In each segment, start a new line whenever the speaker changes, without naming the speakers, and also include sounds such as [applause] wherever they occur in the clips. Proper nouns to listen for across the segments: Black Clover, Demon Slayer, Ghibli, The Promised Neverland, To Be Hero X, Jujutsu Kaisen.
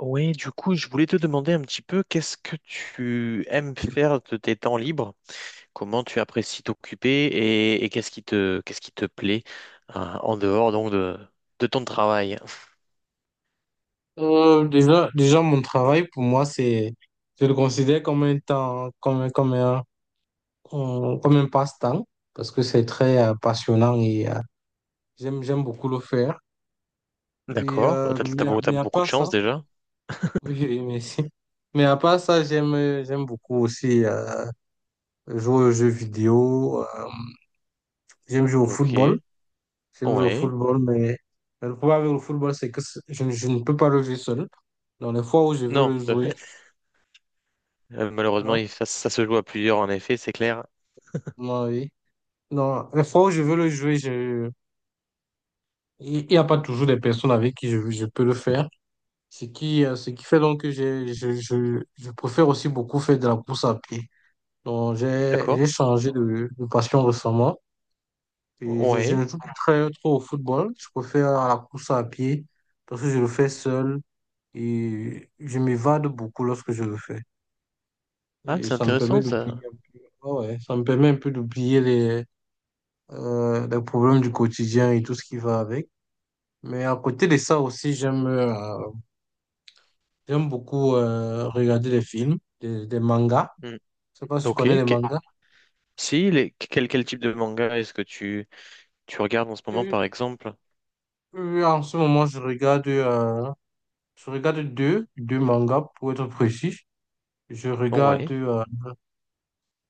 Oui, du coup, je voulais te demander un petit peu qu'est-ce que tu aimes faire de tes temps libres, comment tu apprécies t'occuper et qu'est-ce qu'est-ce qui te plaît en dehors donc de ton travail.
Déjà, mon travail, pour moi, c'est, je le considère comme un temps, comme un passe-temps, parce que c'est très passionnant et j'aime beaucoup le faire.
D'accord, t'as
Mais à
beaucoup de
part ça,
chance
[laughs]
déjà.
oui, oui, merci. Mais à part ça, j'aime beaucoup aussi jouer aux jeux vidéo, j'aime jouer au football,
Ok,
j'aime jouer au
ouais.
football, mais le problème avec le football, c'est que je ne peux pas le jouer seul. Dans les fois où je veux
Non,
le jouer,
[laughs] malheureusement,
alors,
ça, ça se joue à plusieurs en effet, c'est clair.
moi, oui. Non, les fois où je veux le jouer, il n'y a pas toujours des personnes avec qui je peux le faire. Ce qui fait donc que je préfère aussi beaucoup faire de la course à pied. Donc,
D'accord,
j'ai changé de passion récemment. Et je
ouais.
ne joue plus très trop au football. Je préfère à la course à pied parce que je le fais seul et je m'évade beaucoup lorsque je le fais.
Ah,
Et
c'est
ça me permet
intéressant
d'oublier
ça.
un peu. Ah ouais, ça me permet un peu d'oublier les problèmes du quotidien et tout ce qui va avec. Mais à côté de ça aussi, j'aime beaucoup regarder des films, des mangas.
Hmm.
Je sais pas si tu
Ok,
connais les mangas.
si, quel type de manga est-ce que tu regardes en ce moment,
Et,
par exemple?
En ce moment, je regarde deux mangas pour être précis. Je regarde
Ouais,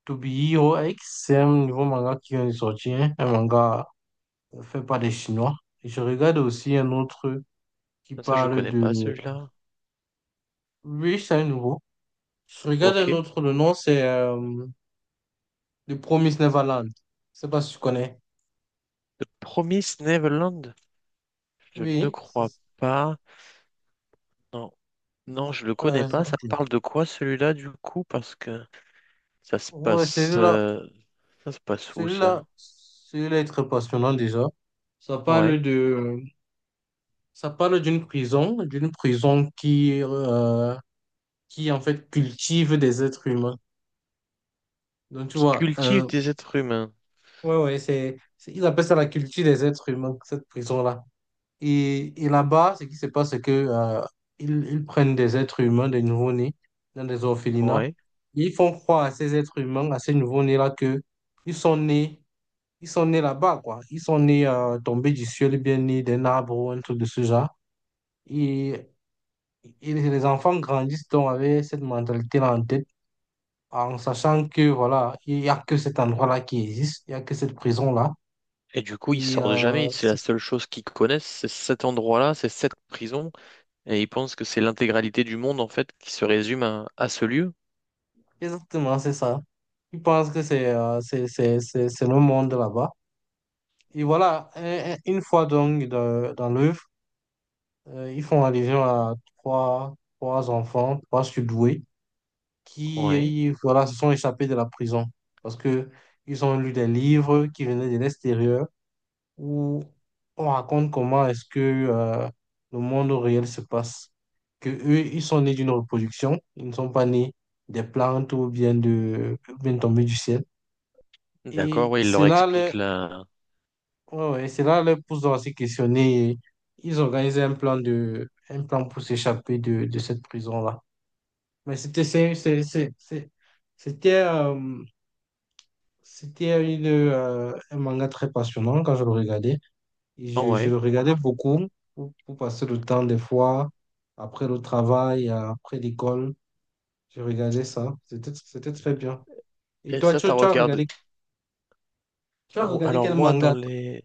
To Be Hero X, c'est un nouveau manga qui vient de sortir, un manga fait par des Chinois. Et je regarde aussi un autre qui
ça je
parle
connais pas
de
celui-là.
oui, c'est un nouveau. Je regarde un
Ok.
autre, le nom c'est The Promised Neverland. Je sais pas si tu connais.
The Promised Neverland? Je ne
Oui,
crois pas. Non, non, je le connais pas. Ça
ok.
parle de quoi celui-là du coup? Parce que ça se
Ouais,
passe, euh, ça se passe où ça?
celui-là est très passionnant déjà. Ça parle
Ouais.
de, Ça parle d'une prison qui en fait cultive des êtres humains. Donc tu
Qui
vois,
cultive des êtres humains.
ouais, ouais, ils appellent ça la culture des êtres humains, cette prison-là. Et là-bas, ce qui se passe, c'est que ils prennent des êtres humains, des nouveau-nés, dans des orphelinats.
Ouais.
Ils font croire à ces êtres humains, à ces nouveau-nés-là, que ils sont nés ils sont nés là-bas, quoi. Ils sont nés tombés du ciel, ou bien nés d'un arbre ou un truc de ce genre. Et, et les enfants grandissent donc avec cette mentalité-là en tête, en sachant que, voilà, il n'y a que cet endroit-là qui existe, il n'y a que cette prison-là.
Et du coup, ils
Et
sortent jamais.
euh,
C'est la
c'est-
seule chose qu'ils connaissent, c'est cet endroit-là, c'est cette prison. Et ils pensent que c'est l'intégralité du monde, en fait, qui se résume à ce lieu.
Exactement, c'est ça. Ils pensent que c'est le monde là-bas. Et voilà, une fois donc dans l'œuvre, ils font allusion à trois enfants, trois surdoués
Ouais.
qui voilà, se sont échappés de la prison parce que ils ont lu des livres qui venaient de l'extérieur où on raconte comment est-ce que le monde réel se passe. Que eux, ils sont nés d'une reproduction, ils ne sont pas nés des plantes ou bien tombés du ciel.
D'accord,
Et
ouais, il leur
cela leur,
explique la…
ouais, ouais, cela leur pousse donc à se questionner. Ils organisaient un plan pour s'échapper de cette prison-là. Mais c'était c'est- c'était c'était un manga très passionnant quand je le regardais. Et je
Ouais.
le regardais beaucoup pour passer le temps des fois, après le travail, après l'école. Je regardais ça. C'était très bien. Et
Et
toi,
ça, t'as regardé…
tu as
Oh,
regardé
alors
quel
moi, dans
manga, toi?
les…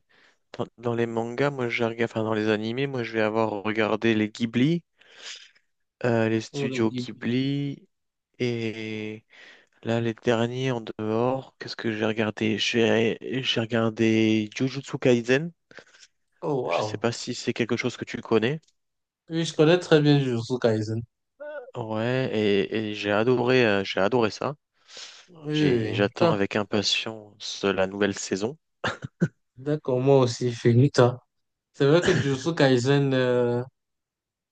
Dans les mangas, moi, j'ai regardé… Enfin, dans les animés, moi, je vais avoir regardé les Ghibli, les
Oh, les
studios
Ghibli.
Ghibli, et là, les derniers en dehors, qu'est-ce que j'ai regardé? J'ai regardé Jujutsu Kaisen.
Oh,
Je sais
wow.
pas si c'est quelque chose que tu connais.
Oui, je connais très bien Jujutsu Kaisen.
Ouais, et j'ai adoré ça.
Oui, oui,
J'ai,
oui.
j'attends
Tiens,
avec impatience la nouvelle saison.
d'accord, moi aussi, Finita. C'est vrai que Jujutsu Kaisen,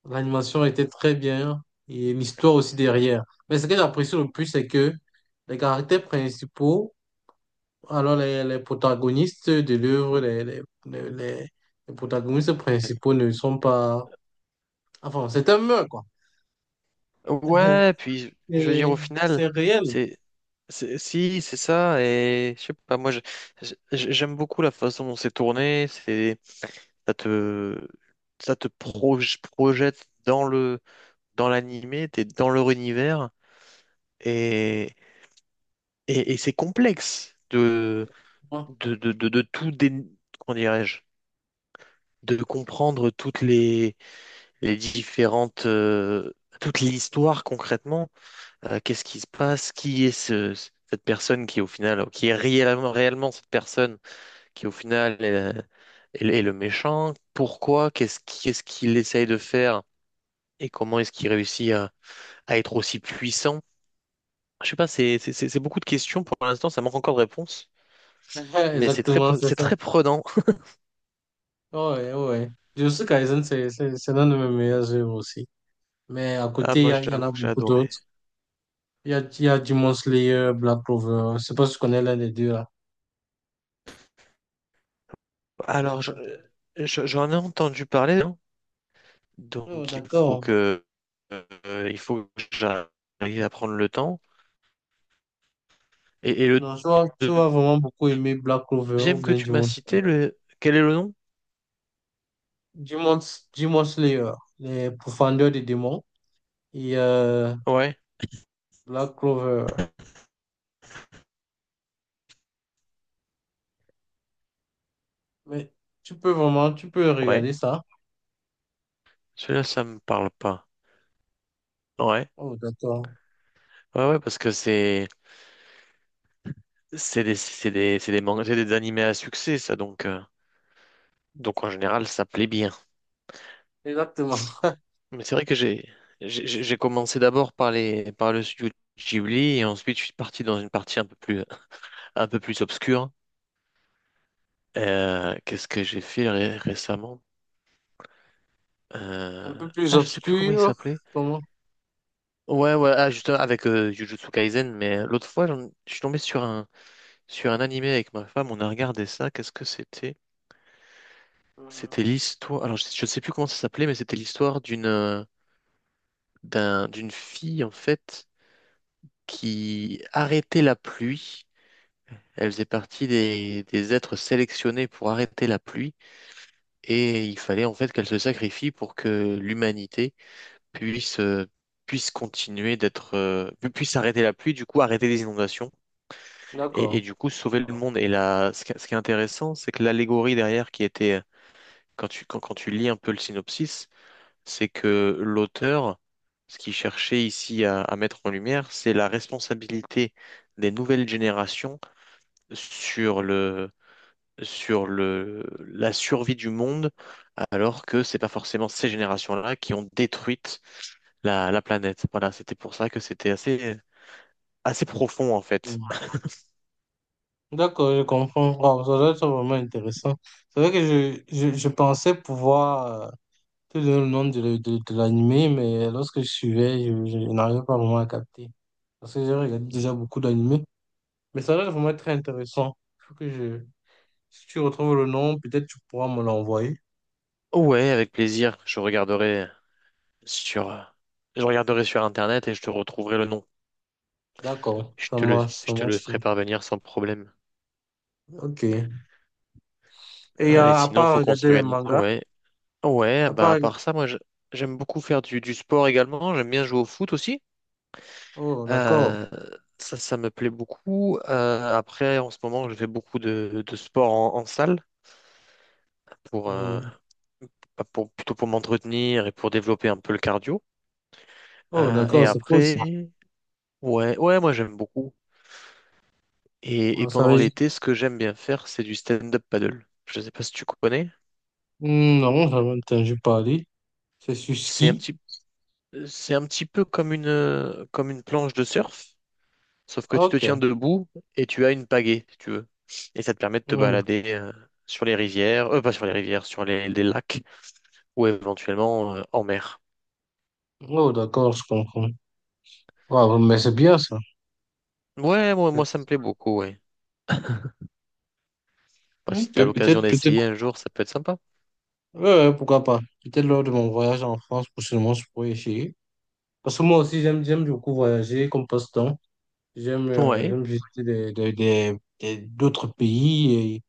l'animation était très bien et l'histoire aussi derrière. Mais ce que j'apprécie le plus, c'est que les caractères principaux, alors les protagonistes de l'œuvre,
Mm.
les protagonistes principaux ne sont pas... Enfin, c'est un meurtre, quoi. [laughs]
Ouais, puis je veux dire au
Et
final,
c'est réel.
c'est, si, c'est ça, et je sais pas, j'aime beaucoup la façon dont c'est tourné, c'est, ça te, projette dans le, dans l'animé, t'es dans leur univers, et, et c'est complexe
Quoi.
de tout dé, comment dirais-je? De comprendre toutes les différentes, toute l'histoire concrètement. Qu'est-ce qui se passe? Qui est cette personne qui au final, qui est réellement, réellement cette personne qui au final est le méchant? Pourquoi? Qu'est-ce qu'il essaye de faire? Et comment est-ce qu'il réussit à être aussi puissant? Je sais pas, c'est beaucoup de questions. Pour l'instant, ça manque encore de réponses.
[laughs]
Mais c'est très,
Exactement, c'est
c'est
ça.
très prenant.
Ouais, ouais. Jujutsu Kaisen, c'est l'un de mes meilleurs œuvres aussi. Mais à
Ah,
côté,
moi,
il y en
j'avoue
a
que j'ai
beaucoup
adoré.
d'autres. Il y a Demon Slayer, Black Clover. Je sais pas si tu connais l'un des deux.
Alors, j'en ai entendu parler.
Oh,
Donc
d'accord.
il faut que j'arrive à prendre le temps. Et le
Non, tu vas vraiment beaucoup aimer Black Clover ou
deuxième que
bien
tu m'as
Demon
cité,
Slayer.
le quel est le nom?
Demon, Demon Slayer, les profondeurs des démons et
Ouais,
Black Clover. Mais tu peux
ouais.
regarder ça.
Celui-là, ça me parle pas. Ouais,
Oh, d'accord.
ouais, ouais, parce que c'est des mangas, c'est des animés à succès, ça. Donc en général, ça plaît bien.
Exactement. [laughs]
Mais c'est vrai que j'ai commencé d'abord par les par le studio Ghibli, et ensuite je suis parti dans une partie un peu plus obscure. Qu'est-ce que j'ai fait récemment?
Un
Euh,
peu plus
Ah, je sais plus comment il
obscur.
s'appelait.
Comment?
Ouais, ouais, ah, justement, avec Jujutsu Kaisen, mais l'autre fois, je suis tombé sur un animé avec ma femme, on a regardé ça, qu'est-ce que c'était?
Euh,
C'était l'histoire, alors je sais plus comment ça s'appelait, mais c'était l'histoire d'une d'une fille, en fait, qui arrêtait la pluie. Elle faisait partie des êtres sélectionnés pour arrêter la pluie, et il fallait, en fait, qu'elle se sacrifie pour que l'humanité puisse, puisse continuer d'être, puisse arrêter la pluie, du coup arrêter les inondations et
D'accord.
du coup sauver le monde. Et là, ce qui est intéressant, c'est que l'allégorie derrière qui était, quand tu lis un peu le synopsis, c'est que l'auteur, ce qu'il cherchait ici à mettre en lumière, c'est la responsabilité des nouvelles générations sur le, la survie du monde, alors que c'est pas forcément ces générations-là qui ont détruit la, la planète. Voilà, c'était pour ça que c'était assez, assez profond en fait.
Mm. D'accord, je comprends. Wow, ça doit être vraiment intéressant. C'est vrai que je pensais pouvoir te donner le nom de l'animé, mais lorsque je suivais, je n'arrivais pas vraiment à capter. Parce que j'ai regardé déjà beaucoup d'animés. Mais ça a l'air vraiment très intéressant. Faut que je... Si tu retrouves le nom, peut-être tu pourras me l'envoyer.
Ouais, avec plaisir. Sur, je regarderai sur Internet et je te retrouverai le nom.
D'accord, ça marche, ça
Je te le
marche.
ferai parvenir sans problème.
Ok. Et
Ah, et
à
sinon,
part
faut qu'on
regarder les
s'organise.
mangas,
Ouais, ouais.
à
Bah
part...
à
reg-
part ça, j'aime beaucoup faire du sport également. J'aime bien jouer au foot aussi.
Oh, d'accord.
Euh, ça me plaît beaucoup. Après, en ce moment, je fais beaucoup de sport en salle pour,
Hmm.
bah, pour, plutôt pour m'entretenir et pour développer un peu le cardio.
Oh,
Et
d'accord, c'est cool ça.
après, ouais, ouais, moi j'aime beaucoup. Et
Ah, ça
pendant
veut...
l'été, ce que j'aime bien faire, c'est du stand-up paddle. Je ne sais pas si tu connais.
Hmm. Non, j'avais entendu parler. C'est sur
C'est un
ski.
petit, c'est un petit peu comme une planche de surf, sauf que tu te
Ok.
tiens debout et tu as une pagaie, si tu veux. Et ça te permet de te
Hmm.
balader sur les rivières, pas sur les rivières, sur les lacs ou éventuellement en mer.
Oh, d'accord, je comprends. Ouais, mais c'est bien ça.
Ouais, moi, moi ça me plaît beaucoup, ouais. Bah, si
Ok,
t'as l'occasion
peut-être, peut-être,
d'essayer un jour, ça peut être sympa.
ouais, ouais, pourquoi pas. Peut-être lors de mon voyage en France, prochainement, je pourrais essayer. Parce que moi aussi, j'aime beaucoup voyager comme passe-temps.
Ouais.
J'aime visiter d'autres pays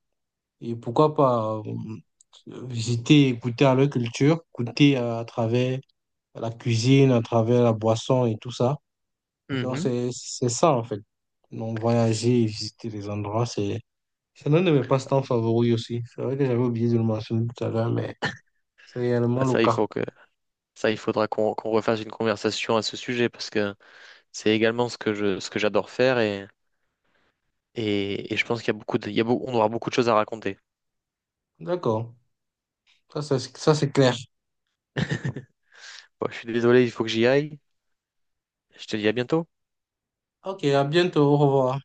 et pourquoi pas visiter, goûter à leur culture, goûter à travers la cuisine, à travers la boisson et tout ça. Donc,
Mhm.
c'est ça, en fait. Donc, voyager et visiter les endroits, c'est l'un de mes passe-temps favoris aussi. C'est vrai que j'avais oublié de le mentionner tout à l'heure, mais. C'est réellement
Bah,
le
ça, il
cas.
faut que ça, il faudra qu'on refasse une conversation à ce sujet, parce que c'est également ce que je ce que j'adore faire, et je pense qu'il y a beaucoup de, il y a beau- on aura beaucoup de choses à raconter.
D'accord. Ça, c'est clair.
[laughs] Bon, je suis désolé, il faut que j'y aille. Je te dis à bientôt.
Ok, à bientôt. Au revoir.